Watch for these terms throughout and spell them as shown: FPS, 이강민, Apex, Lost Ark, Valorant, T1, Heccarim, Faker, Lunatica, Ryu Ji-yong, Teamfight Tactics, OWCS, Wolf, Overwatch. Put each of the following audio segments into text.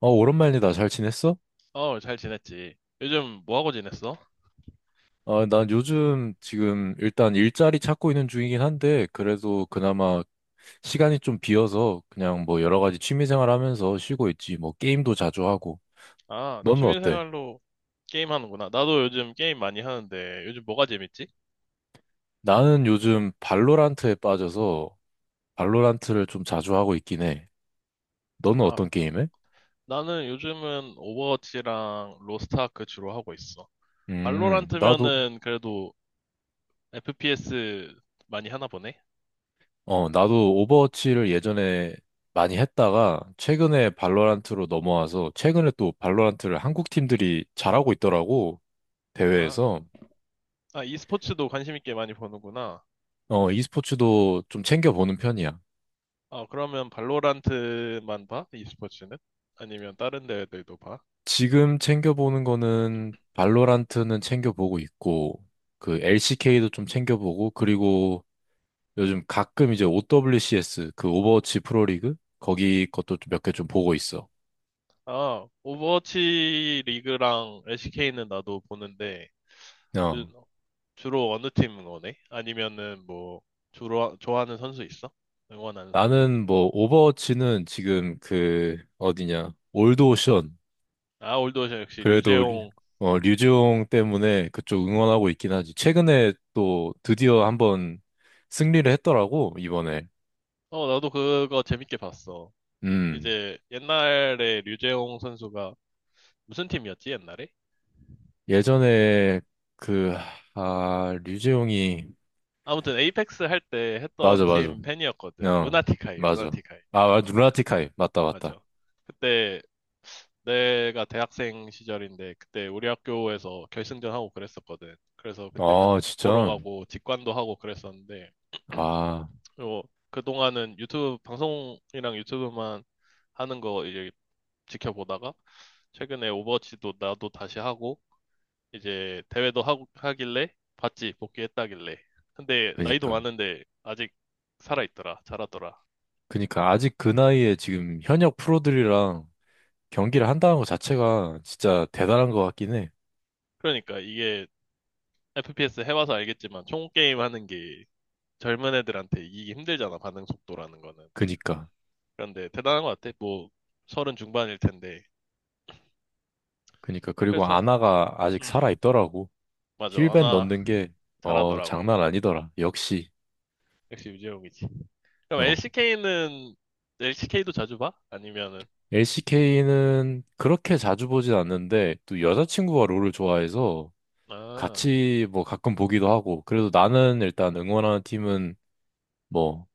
오랜만이다. 잘 지냈어? 어, 잘 지냈지. 요즘 뭐 하고 지냈어? 난 요즘 지금 일단 일자리 찾고 있는 중이긴 한데, 그래도 그나마 시간이 좀 비어서 그냥 뭐 여러 가지 취미생활 하면서 쉬고 있지. 뭐 게임도 자주 하고. 아, 너는 어때? 취미생활로 게임 하는구나. 나도 요즘 게임 많이 하는데, 요즘 뭐가 재밌지? 나는 요즘 발로란트에 빠져서 발로란트를 좀 자주 하고 있긴 해. 너는 아, 어떤 게임해? 나는 요즘은 오버워치랑 로스트아크 주로 하고 있어. 음, 나도, 발로란트면은 그래도 FPS 많이 하나 보네? 나도 오버워치를 예전에 많이 했다가 최근에 발로란트로 넘어와서 최근에 또 발로란트를 한국 팀들이 잘하고 있더라고. 아, 대회에서. 아, e스포츠도 관심 있게 많이 보는구나. 어, e스포츠도 좀 챙겨보는 편이야. 어, 그러면 발로란트만 봐? e스포츠는? 아니면 다른 대회들도 봐? 지금 챙겨보는 거는 발로란트는 챙겨보고 있고 그 LCK도 좀 챙겨보고 그리고 요즘 가끔 이제 OWCS 그 오버워치 프로리그 거기 것도 몇 개 좀 보고 있어. 아, 오버워치 리그랑 LCK는 나도 보는데, 그- 어. 주로 어느 팀 응원해? 아니면은 뭐, 주로, 좋아하는 선수 있어? 응원하는 선수? 나는 뭐 오버워치는 지금 그 어디냐 올드 오션. 아, 올드오션 역시 그래도 류- 류재홍. 어, 류지용 때문에 그쪽 응원하고 있긴 하지. 최근에 또 드디어 한번 승리를 했더라고, 이번에. 어, 나도 그거 재밌게 봤어. 음. 이제 옛날에 류재홍 선수가 무슨 팀이었지, 옛날에? 예전에 그, 류지용이, 아무튼 에이펙스 할 때 했던 맞아, 맞아. 팀 팬이었거든. 어, 루나티카이, 맞아. 루나티카이. 어, 루나티카이. 맞다, 맞다. 맞아. 그때 내가 대학생 시절인데 그때 우리 학교에서 결승전 하고 그랬었거든. 그래서 그때 같이 아, 보러 진짜. 가고 직관도 하고 그랬었는데, 아, 그리고 그동안은 유튜브 방송이랑 유튜브만 하는 거 이제 지켜보다가, 최근에 오버워치도 나도 다시 하고 이제 대회도 하고 하길래 봤지, 복귀했다길래. 근데 나이도 그니까. 많은데 아직 살아있더라, 잘하더라. 그니까. 아직 그 나이에 지금 현역 프로들이랑 경기를 한다는 것 자체가 진짜 대단한 것 같긴 해. 그러니까 이게 FPS 해봐서 알겠지만 총 게임 하는 게 젊은 애들한테 이기기 힘들잖아, 반응 속도라는 거는. 그니까. 그런데 대단한 것 같아, 뭐, 서른 중반일 텐데. 그니까 그리고 그래서, 아나가 아직 음, 살아 있더라고. 맞아, 힐벤 아나 넣는 게 어, 잘하더라고. 장난 아니더라. 역시. 역시 유재용이지. 그럼 어. LCK는? LCK도 자주 봐? 아니면은, LCK는 그렇게 자주 보진 않는데 또 여자친구가 롤을 좋아해서 아, 같이 뭐 가끔 보기도 하고. 그래도 나는 일단 응원하는 팀은 뭐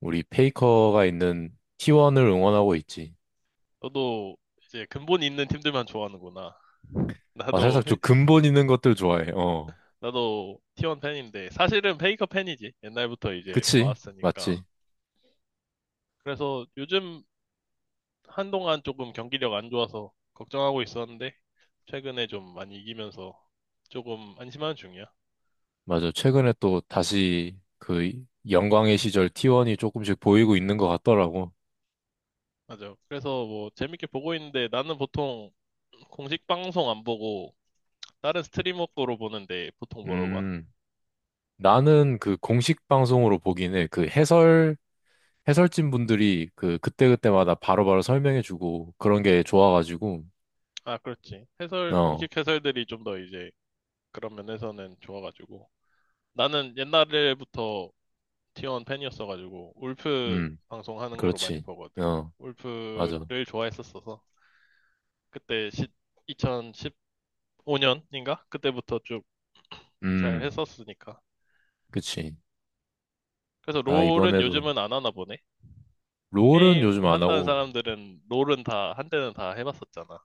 우리 페이커가 있는 T1을 응원하고 있지. 너도 이제 근본이 있는 팀들만 좋아하는구나. 아, 나도 살짝 페- 좀 근본 있는 것들 좋아해. 어. 나도 T1 팬인데 사실은 페이커 팬이지. 옛날부터 이제 그치? 봐왔으니까. 맞지? 그래서 요즘 한동안 조금 경기력 안 좋아서 걱정하고 있었는데, 최근에 좀 많이 이기면서 조금 안심하는 중이야. 맞아. 최근에 또 다시 그 영광의 시절 T1이 조금씩 보이고 있는 것 같더라고. 맞아. 그래서 뭐 재밌게 보고 있는데, 나는 보통 공식 방송 안 보고 다른 스트리머 거로 보는데 보통 뭐로 봐? 음, 나는 그 공식 방송으로 보긴 해. 그 해설진 분들이 그 그때그때마다 바로바로 설명해주고 그런 게 좋아가지고, 아, 그렇지. 해설, 어, 공식 해설들이 좀 더 이제 그런 면에서는 좋아가지고. 나는 옛날부터 티원 팬이었어가지고 울프 음, 방송하는 거로 많이 그렇지. 보거든. 어, 맞아. 울프를 좋아했었어서 그때 2015년인가? 그때부터 쭉 잘 음, 했었으니까. 그치. 그래서 아, 롤은 이번에도. 요즘은 안 하나 보네. 롤은 게임 요즘 안 한다는 하고, 사람들은 롤은 다 한때는 다 해봤었잖아.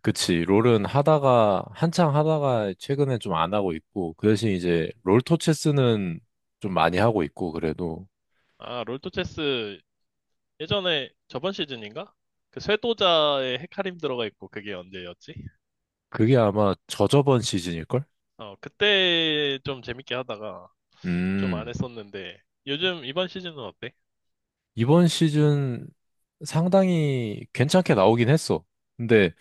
그치. 롤은 하다가, 한창 하다가 최근에 좀 안 하고 있고, 그 대신 이제 롤토체스는 좀 많이 하고 있고, 그래도. 아, 롤토체스 예전에 저번 시즌인가? 그 쇄도자의 헤카림 들어가 있고, 그게 언제였지? 그게 아마 저저번 시즌일걸? 어, 그때 좀 재밌게 하다가 좀 안 음. 했었는데 요즘 이번 시즌은 어때? 이번 시즌 상당히 괜찮게 나오긴 했어. 근데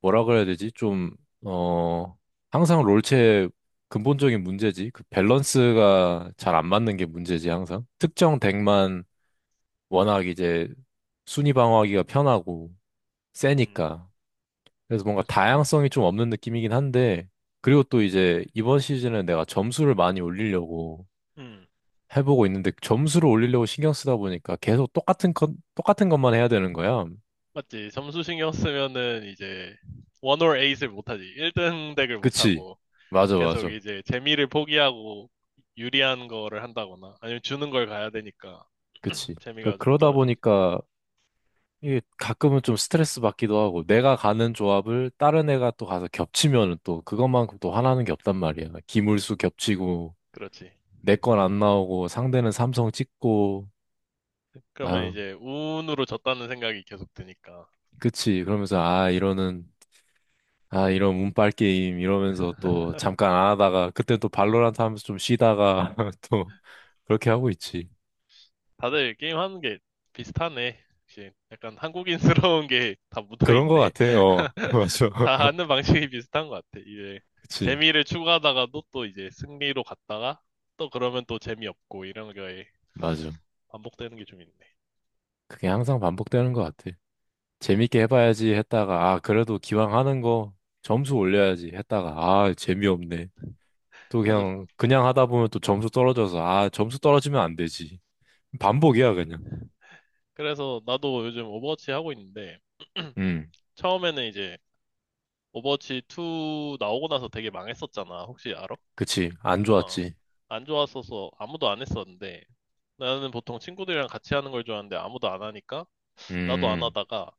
뭐라 그래야 되지? 어, 항상 롤체의 근본적인 문제지. 그 밸런스가 잘 안 맞는 게 문제지, 항상. 특정 덱만 워낙 이제 순위 방어하기가 편하고 음. 세니까. 그래서 뭔가 다양성이 좀 없는 느낌이긴 한데, 그리고 또 이제 이번 시즌은 내가 점수를 많이 올리려고 음, 해보고 있는데, 점수를 올리려고 신경 쓰다 보니까 계속 똑같은 것만 해야 되는 거야. 맞지. 점수 신경 쓰면은 이제 원 or 에잇을 못하지. 1등 덱을 그치. 못하고 맞아, 계속 맞아. 이제 재미를 포기하고 유리한 거를 한다거나 아니면 주는 걸 가야 되니까 그치. 그러니까 재미가 좀 그러다 떨어지지. 보니까 이게 가끔은 좀 스트레스 받기도 하고, 내가 가는 조합을 다른 애가 또 가서 겹치면은 또 그것만큼 또 화나는 게 없단 말이야. 기물수 겹치고, 그렇지. 내 건 안 나오고, 상대는 삼성 찍고, 그러면 아유, 이제 운으로 졌다는 생각이 계속 드니까. 그치. 아, 이런 운빨 게임, 이러면서 또 잠깐 안 하다가, 그때 또 발로란트 하면서 좀 쉬다가, 또, 그렇게 하고 있지. 다들 게임하는 게 비슷하네. 역시 약간 한국인스러운 게 다 그런 거 묻어있네. 같아요. 맞아. 다 하는 방식이 비슷한 것 같아. 이제 그치. 재미를 추구하다가도 또 이제 승리로 갔다가 또 그러면 또 재미없고 이런 게 맞아. 반복되는 게 좀 있네. 그게 항상 반복되는 것 같아. 재밌게 해봐야지 했다가, 아, 그래도 기왕 하는 거 점수 올려야지 했다가, 아, 재미없네. 또 맞아. 그냥 하다 보면 또 점수 떨어져서, 아, 점수 떨어지면 안 되지. 반복이야, 그냥. 그래서 나도 요즘 오버워치 하고 있는데 음, 처음에는 이제 오버워치 2 나오고 나서 되게 망했었잖아. 혹시 알아? 그치. 안 어. 좋았지. 안 좋았어서 아무도 안 했었는데 나는 보통 친구들이랑 같이 하는 걸 좋아하는데 아무도 안 하니까 나도 안 음, 하다가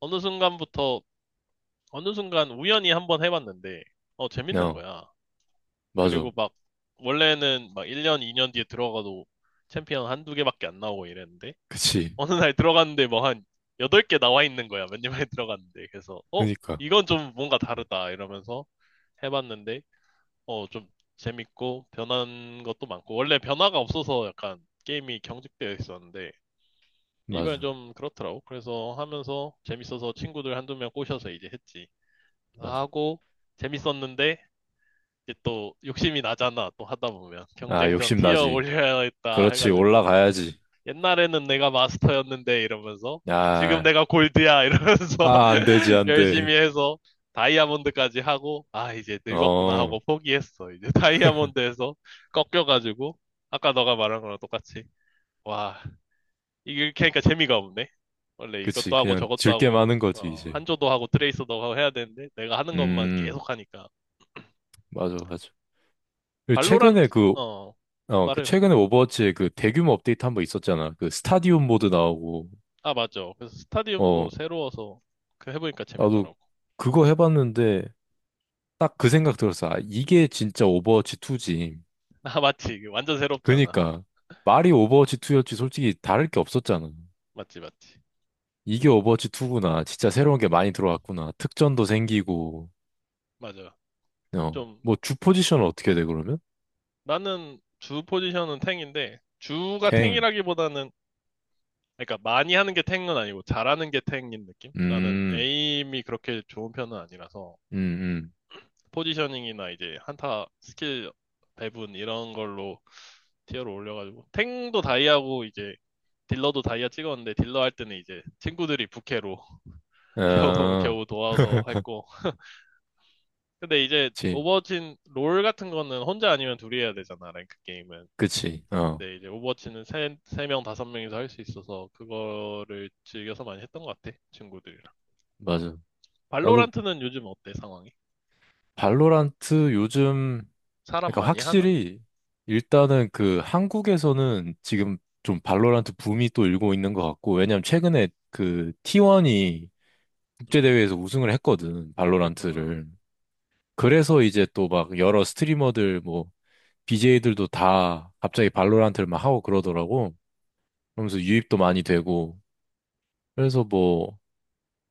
어느 순간부터 어느 순간 우연히 한번 해봤는데, 어, 재밌는 n 거야. 맞아. 그리고 막 원래는 막 1년, 2년 뒤에 들어가도 챔피언 한 두 개밖에 안 나오고 이랬는데 그치. 어느 날 들어갔는데 뭐 한 8개 나와 있는 거야. 몇 년 만에 들어갔는데. 그래서, 어, 그니까. 이건 좀 뭔가 다르다 이러면서 해봤는데, 어, 좀 재밌고 변한 것도 많고 원래 변화가 없어서 약간 게임이 경직되어 있었는데 이번엔 맞아. 좀 그렇더라고. 그래서 하면서 재밌어서 친구들 한두 명 꼬셔서 이제 했지. 맞아. 하고 재밌었는데 이제 또 욕심이 나잖아. 또 하다 보면 아, 경쟁전 욕심 티어 나지. 올려야겠다 그렇지. 해가지고 올라가야지. 옛날에는 내가 마스터였는데 이러면서 지금 아, 내가 골드야 이러면서 아, 안 되지, 안 돼. 열심히 해서 다이아몬드까지 하고, 아, 이제 늙었구나 하고 어, 포기했어. 이제 다이아몬드에서 꺾여가지고 아까 너가 말한 거랑 똑같이, 와, 이렇게 하니까 재미가 없네. 원래 그치. 이것도 하고 그냥 저것도 즐게 하고, 많은 거지, 어, 이제. 한조도 하고 트레이서도 하고 해야 되는데, 내가 하는 것만 음. 계속 하니까. 맞아, 맞아. 그 최근에 발로란트, 그, 어, 그 말해. 최근에 오버워치에 그 대규모 업데이트 한 번 있었잖아. 그 스타디움 모드 나오고, 아, 맞아. 그래서 어, 스타디움도 새로워서 그 해보니까 나도 재밌더라고. 그거 해봤는데 딱 그 생각 들었어. 아, 이게 진짜 오버워치 2지. 아, 맞지. 이게 완전 새롭잖아. 그니까 말이 오버워치 2였지 솔직히 다를 게 없었잖아. 맞지, 맞지. 이게 오버워치 2구나. 진짜 새로운 게 많이 들어왔구나. 특전도 생기고, 맞아. 어, 좀, 뭐 주 포지션은 어떻게 돼, 그러면? 나는 주 포지션은 탱인데, 주가 탱. 탱이라기보다는, 그러니까 많이 하는 게 탱은 아니고, 잘하는 게 탱인 느낌? 나는 음, 에임이 그렇게 좋은 편은 아니라서. 음, 포지셔닝이나 이제 한타 스킬 배분 이런 걸로 티어를 올려가지고 탱도 다이아고 이제 딜러도 다이아 찍었는데 딜러 할 때는 이제 친구들이 부캐로 겨우 아, 겨우 도와서 했고, 근데 이제 그치, 오버워치 롤 같은 거는 혼자 아니면 둘이 해야 되잖아, 랭크 게임은. 그치. 어, 근데 이제 오버워치는 세 명, 다섯 명이서 할 수 있어서 그거를 즐겨서 많이 했던 것 같아, 친구들이랑. 맞아. 나도 발로란트는 요즘 어때, 상황이? 발로란트 요즘, 사람 그러니까 많이 하나? 확실히 일단은 그 한국에서는 지금 좀 발로란트 붐이 또 일고 있는 것 같고, 왜냐면 최근에 그 T1이 음, 국제대회에서 우승을 했거든, 그랬구나. 발로란트를. 그래서 이제 또 막 여러 스트리머들 뭐 BJ들도 다 갑자기 발로란트를 막 하고 그러더라고. 그러면서 유입도 많이 되고. 그래서 뭐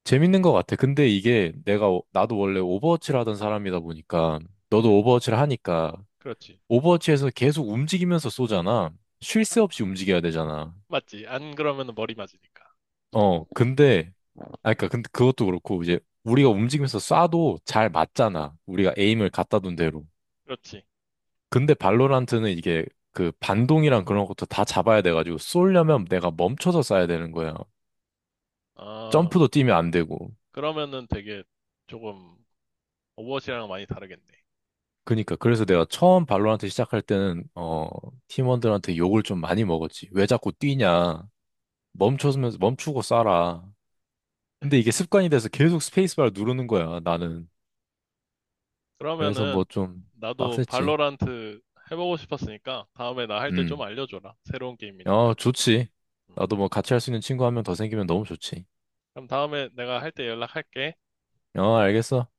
재밌는 것 같아. 근데 이게 나도 원래 오버워치를 하던 사람이다 보니까, 너도 음, 오버워치를 하니까 그렇지. 오버워치에서 계속 움직이면서 쏘잖아. 쉴 새 없이 움직여야 되잖아. 맞지? 안 그러면 머리 맞으니까. 어, 근데, 그니까, 근데 그것도 그렇고, 이제, 우리가 움직이면서 쏴도 잘 맞잖아. 우리가 에임을 갖다 둔 대로. 그렇지. 근데 발로란트는 이게, 그, 반동이랑 그런 것도 다 잡아야 돼가지고, 쏘려면 내가 멈춰서 쏴야 되는 거야. 아, 점프도 뛰면 안 되고. 그러면은 되게 조금 오버워치랑 많이 다르겠네. 그니까, 그래서 내가 처음 발로란트 시작할 때는, 어, 팀원들한테 욕을 좀 많이 먹었지. 왜 자꾸 뛰냐. 멈추고 쏴라. 근데 이게 습관이 돼서 계속 스페이스바를 누르는 거야, 나는. 그래서 뭐 그러면은 좀 나도 빡셌지. 발로란트 해보고 싶었으니까 다음에 나 할 때 좀 음. 알려줘라. 새로운 어, 게임이니까. 좋지. 음. 나도 뭐 같이 할 수 있는 친구 한 명 더 생기면 너무 좋지. 그럼 다음에 내가 할 때 연락할게. 어, 알겠어.